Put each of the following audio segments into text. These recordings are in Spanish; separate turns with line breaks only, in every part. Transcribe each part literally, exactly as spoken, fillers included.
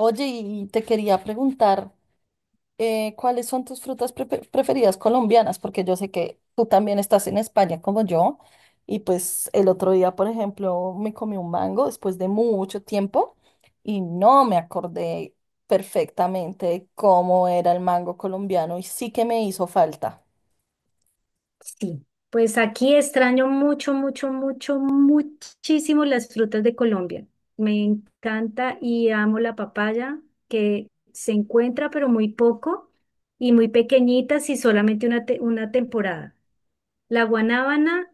Oye, y te quería preguntar, eh, ¿cuáles son tus frutas prefe- preferidas colombianas? Porque yo sé que tú también estás en España como yo. Y pues el otro día, por ejemplo, me comí un mango después de mucho tiempo y no me acordé perfectamente de cómo era el mango colombiano y sí que me hizo falta.
Sí, pues aquí extraño mucho, mucho, mucho, muchísimo las frutas de Colombia. Me encanta y amo la papaya, que se encuentra pero muy poco y muy pequeñitas y solamente una, te- una temporada. La guanábana,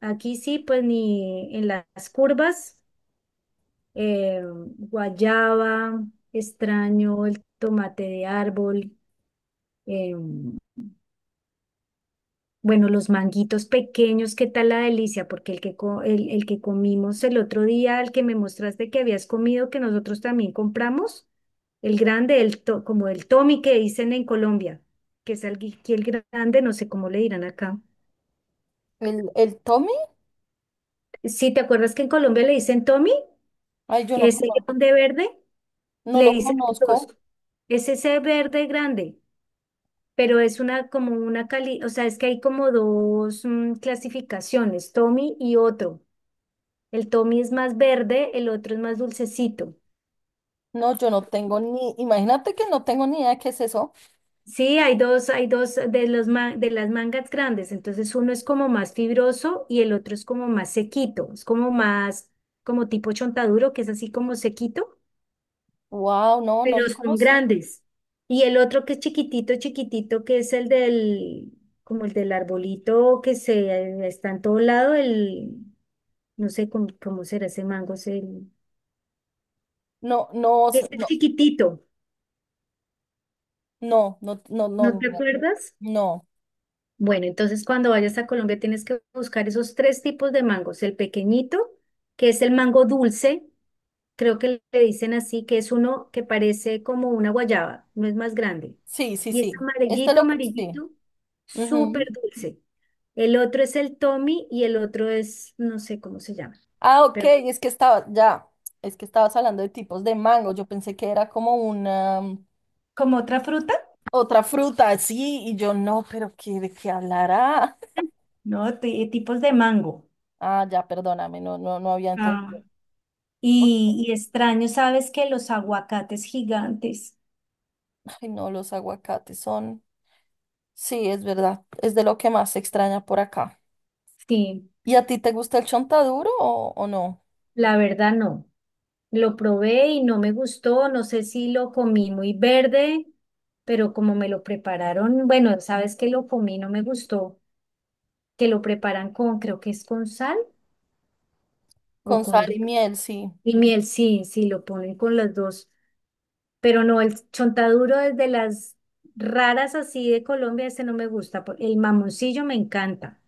aquí sí, pues ni en las curvas, eh, guayaba, extraño el tomate de árbol. em, Bueno, los manguitos pequeños, ¿qué tal la delicia? Porque el que, co- el, el que comimos el otro día, el que me mostraste que habías comido, que nosotros también compramos, el grande, el to- como el Tommy que dicen en Colombia, que es el, el grande, no sé cómo le dirán acá.
¿El, el Tommy?
Sí, ¿te acuerdas que en Colombia le dicen Tommy?
Ay, yo
Que
no,
es
cono-
grande verde,
no
le
lo
dicen dos.
conozco.
Es ese verde grande, pero es una como una cali, o sea, es que hay como dos mm, clasificaciones, Tommy y otro. El Tommy es más verde, el otro es más dulcecito.
No, yo no tengo ni, imagínate que no tengo ni idea de qué es eso.
Sí, hay dos, hay dos de los ma- de las mangas grandes, entonces uno es como más fibroso y el otro es como más sequito, es como más, como tipo chontaduro, que es así como sequito,
Wow, no, no
pero
lo
son
conocí.
grandes. Y el otro que es chiquitito, chiquitito, que es el del, como el del arbolito que se está en todo lado, el, no sé cómo, cómo será ese mango, es el,
No, no, s-
es el
no.
chiquitito,
No, no, no, no,
¿no te
no.
acuerdas?
No.
Bueno, entonces cuando vayas a Colombia tienes que buscar esos tres tipos de mangos. El pequeñito, que es el mango dulce, creo que le dicen así, que es uno que parece como una guayaba, no es más grande.
Sí, sí,
Y es
sí. Este
amarillito,
lo, sí.
amarillito, súper
Ujú.
dulce. El otro es el Tommy y el otro es, no sé cómo se llama,
Ah, ok,
pero
es que estaba, ya, es que estabas hablando de tipos de mango. Yo pensé que era como una mm,
¿Como otra fruta?
otra fruta, así, y yo no, pero ¿qué, de qué hablará?
No, ti- tipos de mango.
Ah, ya, perdóname, no, no, no había
Ah.
entendido. Ok.
Y, y extraño, ¿sabes que los aguacates gigantes?
Ay, no, los aguacates son. Sí, es verdad, es de lo que más se extraña por acá.
Sí.
¿Y a ti te gusta el chontaduro o, o no?
La verdad no. Lo probé y no me gustó. No sé si lo comí muy verde, pero como me lo prepararon, bueno, sabes que lo comí, no me gustó, que lo preparan con, creo que es con sal o
Con sal
con du-
y miel, sí.
y miel, sí, sí, lo ponen con las dos. Pero no, el chontaduro es de las raras así de Colombia, ese no me gusta. por- El mamoncillo me encanta,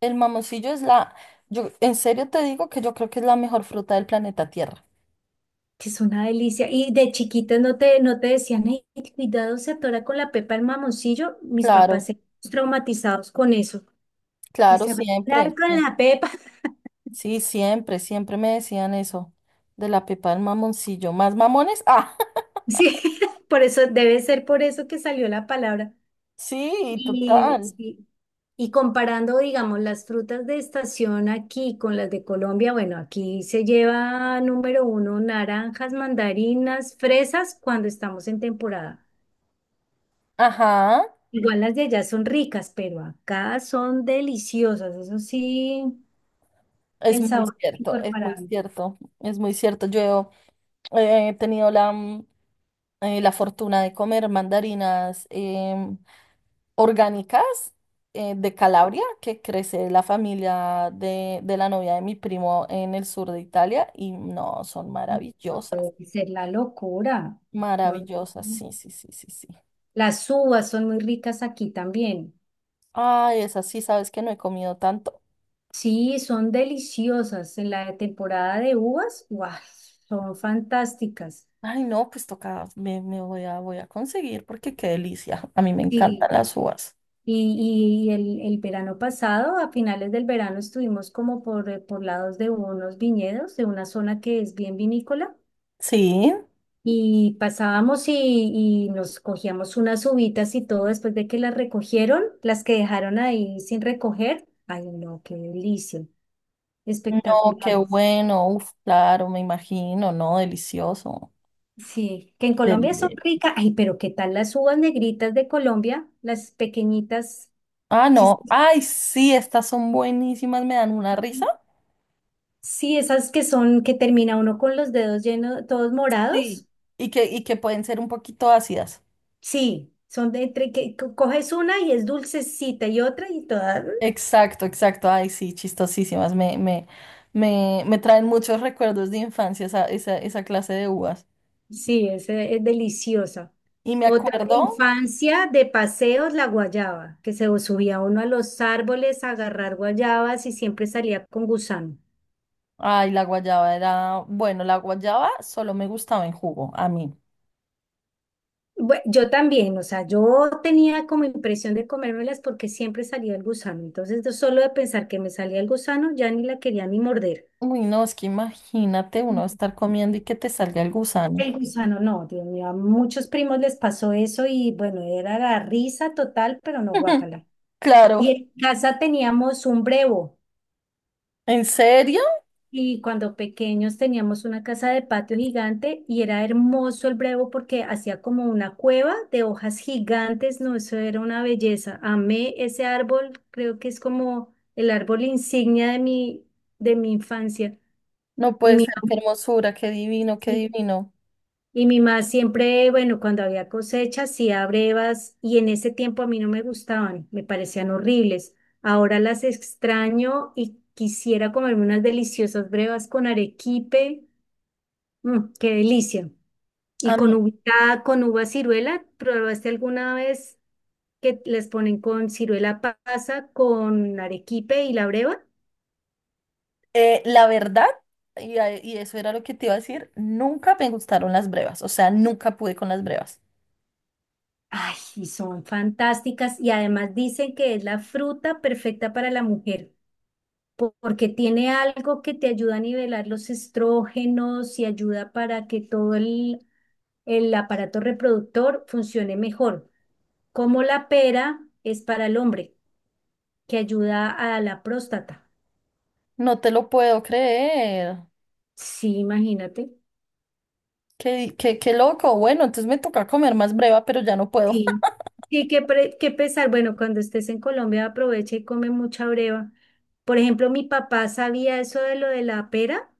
El mamoncillo es la, yo en serio te digo que yo creo que es la mejor fruta del planeta Tierra.
que es una delicia. Y de chiquita no te, no te decían, ay, cuidado, se atora con la pepa el mamoncillo. Mis papás
Claro,
se traumatizados con eso, que
claro,
se va a atorar
siempre.
con
Sí,
la pepa.
sí, siempre, siempre me decían eso, de la pepa del mamoncillo. ¿Más mamones? Ah,
Sí, por eso debe ser por eso que salió la palabra.
sí,
Y,
total.
sí, y comparando, digamos, las frutas de estación aquí con las de Colombia, bueno, aquí se lleva número uno naranjas, mandarinas, fresas cuando estamos en temporada.
Ajá,
Igual las de allá son ricas, pero acá son deliciosas. Eso sí,
es
el
muy
sabor es
cierto, es muy
incorporable.
cierto, es muy cierto. Yo eh, he tenido la, mm, eh, la fortuna de comer mandarinas em, orgánicas eh, de Calabria, que crece la familia de, de la novia de mi primo en el sur de Italia, y no, son maravillosas,
Puede ser la locura, ¿no?
maravillosas, sí, sí, sí, sí, sí.
Las uvas son muy ricas aquí también.
Ay, esas sí, sabes que no he comido tanto.
Sí, son deliciosas. En la temporada de uvas, ¡guau! Son fantásticas.
Ay, no, pues toca, me, me voy a, voy a conseguir porque qué delicia. A mí me encantan
Sí,
las uvas.
y, y el, el verano pasado, a finales del verano, estuvimos como por, eh, por lados de unos viñedos, de una zona que es bien vinícola.
Sí,
Y pasábamos y, y nos cogíamos unas uvitas y todo después de que las recogieron, las que dejaron ahí sin recoger. Ay, no, qué delicia.
no, qué
Espectaculares.
bueno, uf, claro, me imagino, no, delicioso.
Sí, que en Colombia son
Deli-
ricas. Ay, pero ¿qué tal las uvas negritas de Colombia? Las pequeñitas.
Ah,
chis-
no. Ay, sí, estas son buenísimas, me dan una risa.
Sí, esas que son, que termina uno con los dedos llenos, todos
Sí,
morados.
y que, y que pueden ser un poquito ácidas.
Sí, son de entre que co- coges una y es dulcecita y otra y todas.
Exacto, exacto. Ay, sí, chistosísimas. Me, me, me, me traen muchos recuerdos de infancia esa, esa, esa clase de uvas.
Sí, es, eh, es deliciosa.
Y me
Otra de
acuerdo,
infancia de paseos, la guayaba, que se subía uno a los árboles a agarrar guayabas y siempre salía con gusano.
ay, la guayaba era, bueno, la guayaba solo me gustaba en jugo, a mí.
Bue- yo también, o sea, yo tenía como impresión de comérmelas porque siempre salía el gusano. Entonces, yo solo de pensar que me salía el gusano, ya ni la quería ni morder.
Uy, no, es que imagínate uno
Mm.
estar comiendo y que te salga el gusano.
El gusano, no, Dios mío, a muchos primos les pasó eso y bueno, era la risa total, pero no guácala.
Claro,
Y en casa teníamos un brevo.
¿en serio?
Y cuando pequeños teníamos una casa de patio gigante y era hermoso el brevo porque hacía como una cueva de hojas gigantes, no, eso era una belleza. Amé ese árbol, creo que es como el árbol insignia de mi, de mi infancia.
No
Y
puede
mi
ser, qué
mamá,
hermosura, qué divino, qué
sí-
divino.
y mi mamá siempre, bueno, cuando había cosecha, hacía brevas y en ese tiempo a mí no me gustaban, me parecían horribles. Ahora las extraño y quisiera comerme unas deliciosas brevas con arequipe. Mm, qué delicia. ¿Y
A
con
mí,
uva, con uva ciruela? ¿Probaste alguna vez que les ponen con ciruela pasa, con arequipe y la breva?
eh, la verdad, y, a- y eso era lo que te iba a decir, nunca me gustaron las brevas, o sea, nunca pude con las brevas.
Ay, y son fantásticas y además dicen que es la fruta perfecta para la mujer po- porque tiene algo que te ayuda a nivelar los estrógenos y ayuda para que todo el, el aparato reproductor funcione mejor. Como la pera es para el hombre, que ayuda a la próstata.
No te lo puedo creer.
Sí, imagínate.
Qué, qué, qué loco. Bueno, entonces me toca comer más breva, pero ya no puedo.
Sí. Sí, qué, pre- qué pesar. Bueno, cuando estés en Colombia aprovecha y come mucha breva. Por ejemplo, mi papá sabía eso de lo de la pera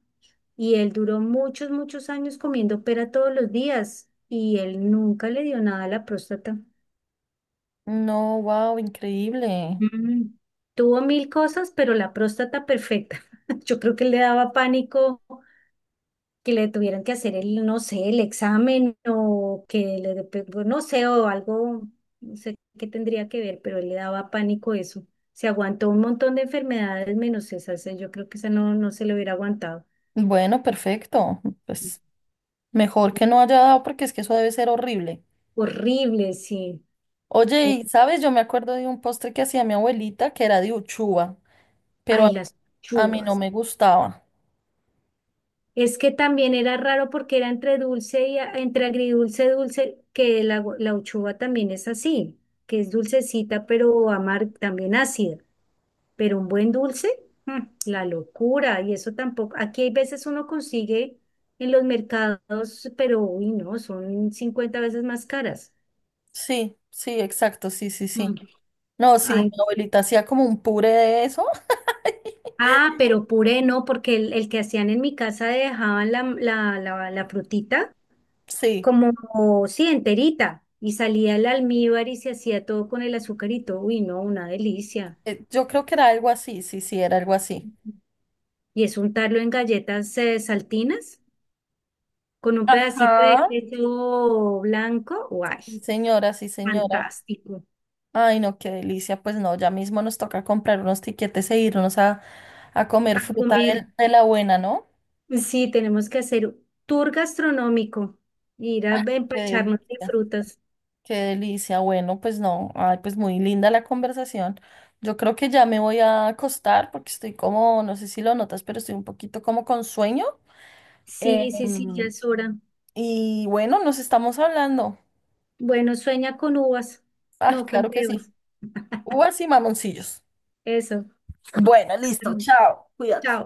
y él duró muchos, muchos años comiendo pera todos los días y él nunca le dio nada a la próstata.
No, wow, increíble.
Mm. Tuvo mil cosas, pero la próstata perfecta. Yo creo que le daba pánico que le tuvieran que hacer el, no sé, el examen o que le, de- pe- pues, no sé, o algo, no sé qué tendría que ver, pero él le daba pánico eso. Se aguantó un montón de enfermedades menos esa, o sea, yo creo que esa no, no se le hubiera aguantado.
Bueno, perfecto. Pues mejor que no haya dado porque es que eso debe ser horrible.
Horrible, sí.
Oye,
O-
y sabes, yo me acuerdo de un postre que hacía mi abuelita que era de uchuva, pero a,
Ay, las
a mí no
chuvas.
me gustaba.
Es que también era raro porque era entre dulce y a- entre agridulce, dulce, que la, gu- la uchuva también es así, que es dulcecita, pero amar también ácida. Pero un buen dulce, mm, la locura, y eso tampoco, aquí hay veces uno consigue en los mercados, pero uy, no, son cincuenta veces más caras.
Sí, sí, exacto, sí, sí,
Mm.
sí. No, sí,
Ay,
mi abuelita hacía como un puré de eso.
ah, pero puré no, porque el, el que hacían en mi casa dejaban la, la, la, la frutita
Sí,
como, sí, enterita, y salía el almíbar y se hacía todo con el azucarito. Uy, no, una delicia.
eh, yo creo que era algo así, sí, sí, era algo así.
Y es untarlo en galletas eh, saltinas con un pedacito de
Ajá.
queso blanco. Guay.
Sí, señora, sí, señora.
Fantástico.
Ay, no, qué delicia. Pues no, ya mismo nos toca comprar unos tiquetes e irnos a, a comer
A
fruta
comer.
de, de la buena, ¿no?
Sí, tenemos que hacer tour gastronómico, ir a
Qué
empacharnos de
delicia,
frutas.
qué delicia. Bueno, pues no, ay, pues muy linda la conversación. Yo creo que ya me voy a acostar porque estoy como, no sé si lo notas, pero estoy un poquito como con sueño.
Sí, sí, sí, ya
Em,
es hora.
Y bueno, nos estamos hablando.
Bueno, sueña con uvas,
Ah,
no con
claro que
pebas.
sí. Uvas y mamoncillos.
Eso.
Bueno, listo. Chao. Cuídate.
Chao.